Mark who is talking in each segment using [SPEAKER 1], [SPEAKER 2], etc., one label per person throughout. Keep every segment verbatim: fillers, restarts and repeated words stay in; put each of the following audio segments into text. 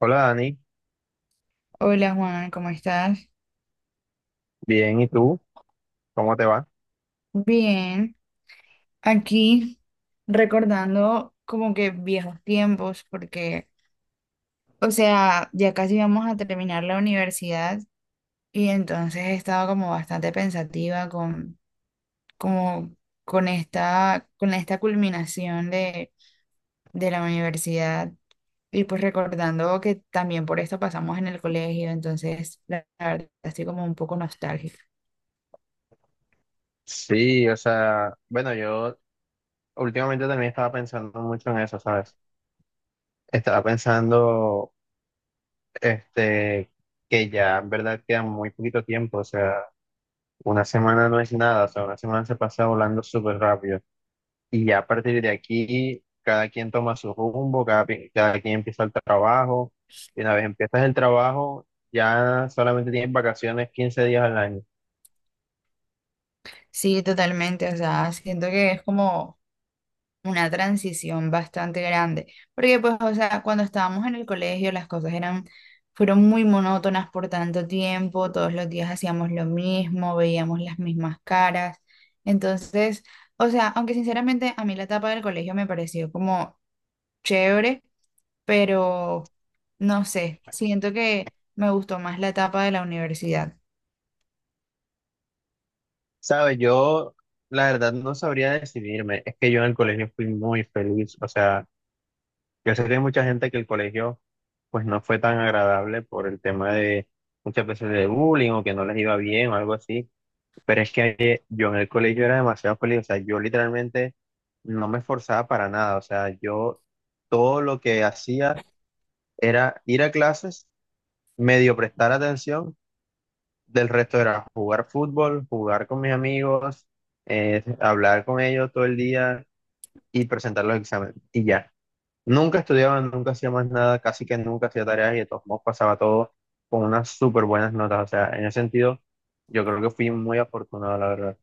[SPEAKER 1] Hola Dani,
[SPEAKER 2] Hola Juan, ¿cómo estás?
[SPEAKER 1] bien, ¿y tú? ¿Cómo te va?
[SPEAKER 2] Bien, aquí recordando como que viejos tiempos, porque, o sea, ya casi vamos a terminar la universidad y entonces he estado como bastante pensativa con, como, con esta, con esta culminación de, de la universidad y pues recordando que también por esto pasamos en el colegio, entonces la la verdad estoy como un poco nostálgica.
[SPEAKER 1] Sí, o sea, bueno, yo últimamente también estaba pensando mucho en eso, ¿sabes? Estaba pensando, este, que ya en verdad queda muy poquito tiempo, o sea, una semana no es nada, o sea, una semana se pasa volando súper rápido. Y ya a partir de aquí, cada quien toma su rumbo, cada, pi- cada quien empieza el trabajo, y una vez empiezas el trabajo, ya solamente tienes vacaciones quince días al año.
[SPEAKER 2] Sí, totalmente, o sea, siento que es como una transición bastante grande, porque pues, o sea, cuando estábamos en el colegio las cosas eran, fueron muy monótonas por tanto tiempo, todos los días hacíamos lo mismo, veíamos las mismas caras, entonces, o sea, aunque sinceramente a mí la etapa del colegio me pareció como chévere, pero no sé, siento que me gustó más la etapa de la universidad.
[SPEAKER 1] Sabes, yo la verdad no sabría decidirme. Es que yo en el colegio fui muy feliz. O sea, yo sé que hay mucha gente que el colegio pues no fue tan agradable por el tema de muchas veces de bullying o que no les iba bien o algo así. Pero es que eh, yo en el colegio era demasiado feliz. O sea, yo literalmente no me esforzaba para nada. O sea, yo todo lo que hacía era ir a clases, medio prestar atención del resto era jugar fútbol, jugar con mis amigos, eh, hablar con ellos todo el día y presentar los exámenes. Y ya. Nunca estudiaba, nunca hacía más nada, casi que nunca hacía tareas y de todos modos pasaba todo con unas súper buenas notas. O sea, en ese sentido, yo creo que fui muy afortunado, la verdad.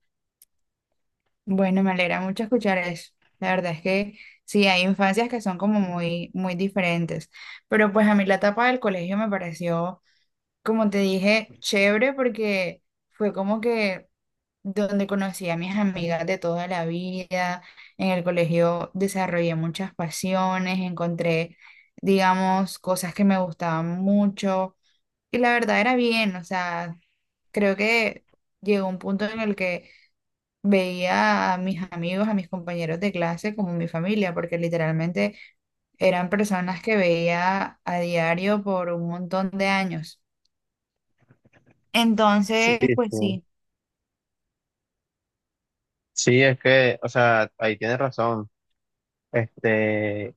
[SPEAKER 2] Bueno, me alegra mucho escuchar eso. La verdad es que sí, hay infancias que son como muy, muy diferentes. Pero pues a mí la etapa del colegio me pareció, como te dije, chévere porque fue como que donde conocí a mis amigas de toda la vida. En el colegio desarrollé muchas pasiones, encontré, digamos, cosas que me gustaban mucho. Y la verdad era bien, o sea, creo que llegó un punto en el que veía a mis amigos, a mis compañeros de clase como mi familia, porque literalmente eran personas que veía a diario por un montón de años.
[SPEAKER 1] Sí,
[SPEAKER 2] Entonces, pues
[SPEAKER 1] sí.
[SPEAKER 2] sí.
[SPEAKER 1] Sí, es que, o sea, ahí tienes razón. Este,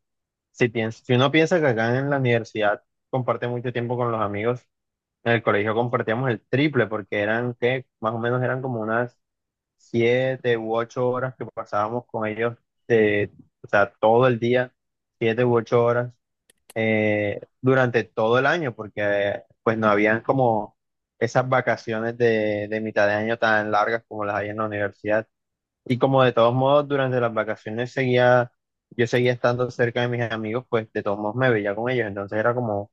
[SPEAKER 1] si piens- si uno piensa que acá en la universidad comparte mucho tiempo con los amigos, en el colegio compartíamos el triple porque eran que más o menos eran como unas siete u ocho horas que pasábamos con ellos, eh, o sea, todo el día, siete u ocho horas eh, durante todo el año, porque eh, pues no habían como esas vacaciones de, de mitad de año tan largas como las hay en la universidad. Y como de todos modos durante las vacaciones seguía, yo seguía estando cerca de mis amigos, pues de todos modos me veía con ellos, entonces era como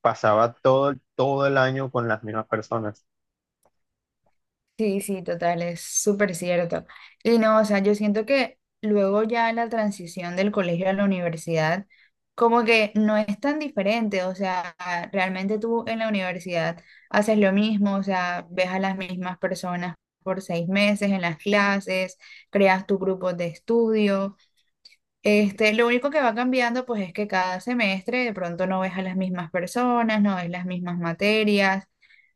[SPEAKER 1] pasaba todo, todo el año con las mismas personas.
[SPEAKER 2] Sí, sí, total, es súper cierto. Y no, o sea, yo siento que luego ya en la transición del colegio a la universidad, como que no es tan diferente, o sea, realmente tú en la universidad haces lo mismo, o sea, ves a las mismas personas por seis meses en las clases, creas tu grupo de estudio, este, lo único que va cambiando, pues, es que cada semestre de pronto no ves a las mismas personas, no ves las mismas materias,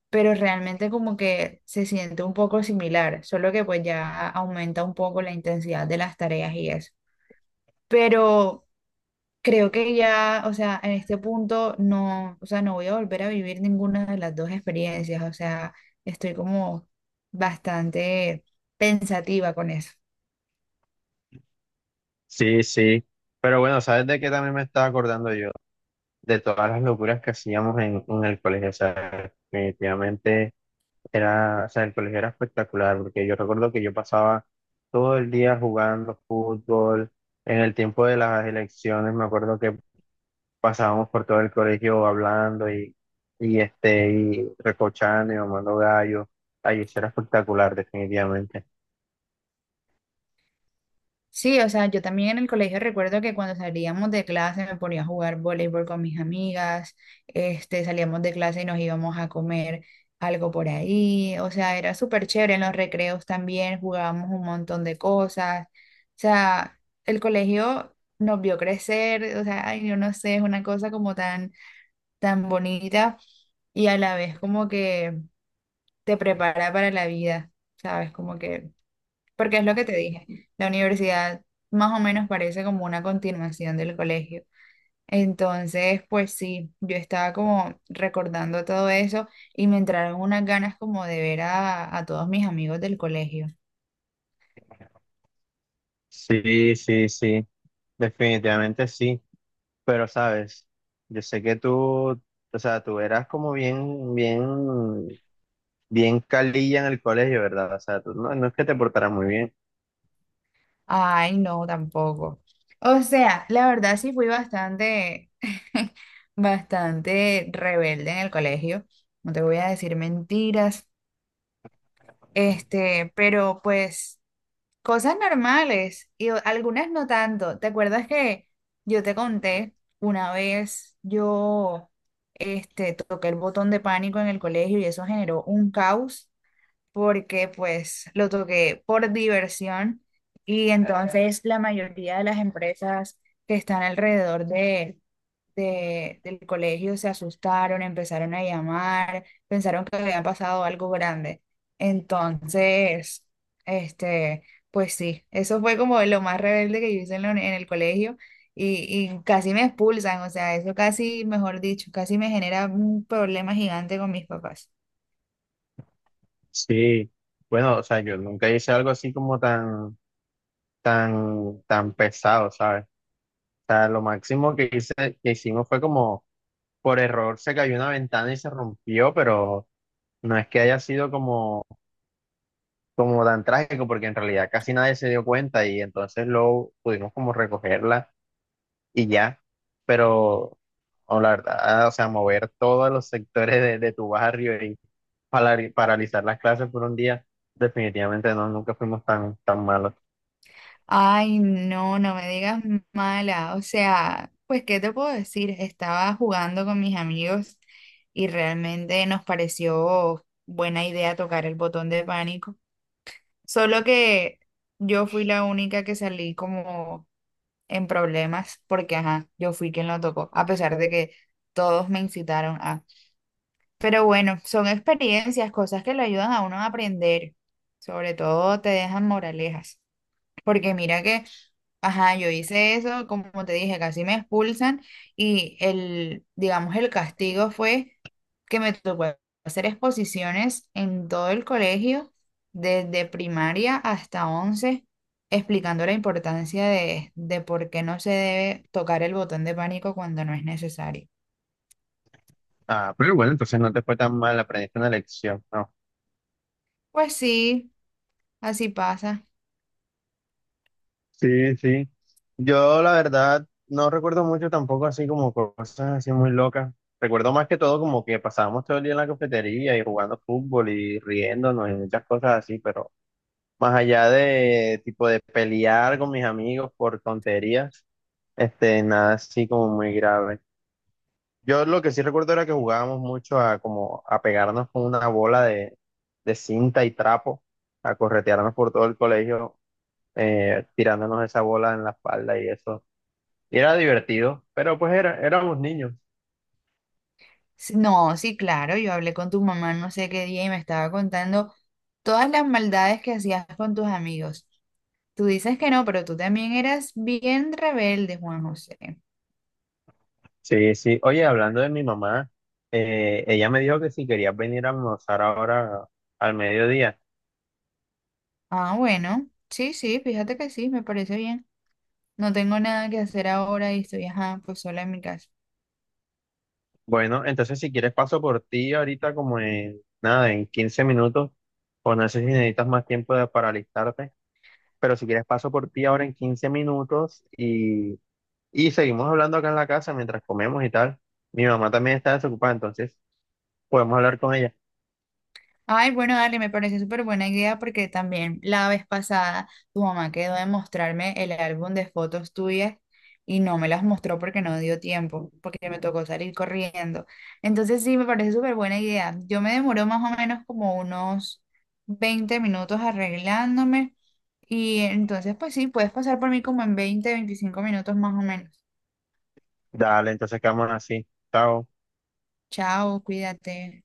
[SPEAKER 2] pero realmente como que se siente un poco similar, solo que pues ya aumenta un poco la intensidad de las tareas y eso. Pero creo que ya, o sea, en este punto no, o sea, no voy a volver a vivir ninguna de las dos experiencias, o sea, estoy como bastante pensativa con eso.
[SPEAKER 1] Sí, sí. Pero bueno, ¿sabes de qué también me estaba acordando yo? De todas las locuras que hacíamos en, en el colegio. O sea, definitivamente era, o sea, el colegio era espectacular, porque yo recuerdo que yo pasaba todo el día jugando fútbol. En el tiempo de las elecciones, me acuerdo que pasábamos por todo el colegio hablando y, y, este, y recochando y mamando gallo. Ay, eso era espectacular, definitivamente.
[SPEAKER 2] Sí, o sea, yo también en el colegio recuerdo que cuando salíamos de clase me ponía a jugar voleibol con mis amigas, este, salíamos de clase y nos íbamos a comer algo por ahí, o sea, era súper chévere, en los recreos también jugábamos un montón de cosas, o sea, el colegio nos vio crecer, o sea, ay, yo no sé, es una cosa como tan, tan bonita y a la vez como que te prepara para la vida, ¿sabes? Como que... Porque es lo que te dije, la universidad más o menos parece como una continuación del colegio. Entonces, pues sí, yo estaba como recordando todo eso y me entraron unas ganas como de ver a, a todos mis amigos del colegio.
[SPEAKER 1] Sí, sí, sí. Definitivamente sí, pero sabes, yo sé que tú, o sea, tú eras como bien, bien, bien calilla en el colegio, ¿verdad? O sea, tú no, no es que te portaras muy bien.
[SPEAKER 2] Ay, no, tampoco. O sea, la verdad sí fui bastante, bastante rebelde en el colegio. No te voy a decir mentiras, este, pero pues... Cosas normales y o- algunas no tanto. ¿Te acuerdas que yo te conté una vez yo este, toqué el botón de pánico en el colegio y eso generó un caos porque pues lo toqué por diversión y entonces la mayoría de las empresas que están alrededor de de- del colegio se asustaron, empezaron a llamar, pensaron que había pasado algo grande. Entonces, este, pues sí, eso fue como lo más rebelde que yo hice en, la uni- en el colegio y, y casi me expulsan, o sea, eso casi, mejor dicho, casi me genera un problema gigante con mis papás.
[SPEAKER 1] Sí, bueno, o sea, yo nunca hice algo así como tan, tan, tan pesado, ¿sabes? O sea, lo máximo que hice, que hicimos fue como, por error se cayó una ventana y se rompió, pero no es que haya sido como, como tan trágico, porque en realidad casi nadie se dio cuenta y entonces luego pudimos como recogerla y ya. Pero, o la verdad, ah, o sea, mover todos los sectores de, de tu barrio y palari- paralizar las clases por un día, definitivamente no, nunca fuimos tan, tan malos.
[SPEAKER 2] Ay, no, no me digas mala. O sea, pues, ¿qué te puedo decir? Estaba jugando con mis amigos y realmente nos pareció buena idea tocar el botón de pánico. Solo que yo fui la única que salí como en problemas porque, ajá, yo fui quien lo tocó, a pesar de que todos me incitaron a. Pero bueno, son experiencias, cosas que lo ayudan a uno a aprender. Sobre todo te dejan moralejas. Porque mira que, ajá, yo hice eso, como te dije, casi me expulsan y el, digamos, el castigo fue que me tocó hacer exposiciones en todo el colegio, desde primaria hasta once, explicando la importancia de, de por qué no se debe tocar el botón de pánico cuando no es necesario.
[SPEAKER 1] Ah, pero bueno, entonces no te fue tan mal, aprendiste una lección, ¿no?
[SPEAKER 2] Pues sí, así pasa.
[SPEAKER 1] Sí, sí. Yo la verdad no recuerdo mucho tampoco así como cosas así muy locas. Recuerdo más que todo como que pasábamos todo el día en la cafetería y jugando fútbol y riéndonos y muchas cosas así, pero... Más allá de tipo de pelear con mis amigos por tonterías, este, nada así como muy grave. Yo lo que sí recuerdo era que jugábamos mucho a como a pegarnos con una bola de, de cinta y trapo, a corretearnos por todo el colegio, eh, tirándonos esa bola en la espalda y eso. Y era divertido, pero pues era, éramos niños.
[SPEAKER 2] Sí, no, sí, claro, yo hablé con tu mamá no sé qué día y me estaba contando todas las maldades que hacías con tus amigos. Tú dices que no, pero tú también eras bien rebelde, Juan José.
[SPEAKER 1] Sí, sí. Oye, hablando de mi mamá, eh, ella me dijo que si querías venir a almorzar ahora al mediodía.
[SPEAKER 2] Ah, bueno, sí, sí, fíjate que sí, me parece bien. No tengo nada que hacer ahora y estoy, ajá, pues sola en mi casa.
[SPEAKER 1] Bueno, entonces si quieres paso por ti ahorita como en nada, en quince minutos, o no sé si necesitas más tiempo de- para alistarte, pero si quieres paso por ti ahora en quince minutos y, y seguimos hablando acá en la casa mientras comemos y tal. Mi mamá también está desocupada, entonces podemos hablar con ella.
[SPEAKER 2] Ay, bueno, dale, me parece súper buena idea porque también la vez pasada tu mamá quedó de mostrarme el álbum de fotos tuyas y no me las mostró porque no dio tiempo, porque me tocó salir corriendo. Entonces sí, me parece súper buena idea. Yo me demoró más o menos como unos veinte minutos arreglándome y entonces pues sí, puedes pasar por mí como en veinte, veinticinco minutos más o menos.
[SPEAKER 1] Dale, entonces quedamos así. Chao.
[SPEAKER 2] Chao, cuídate.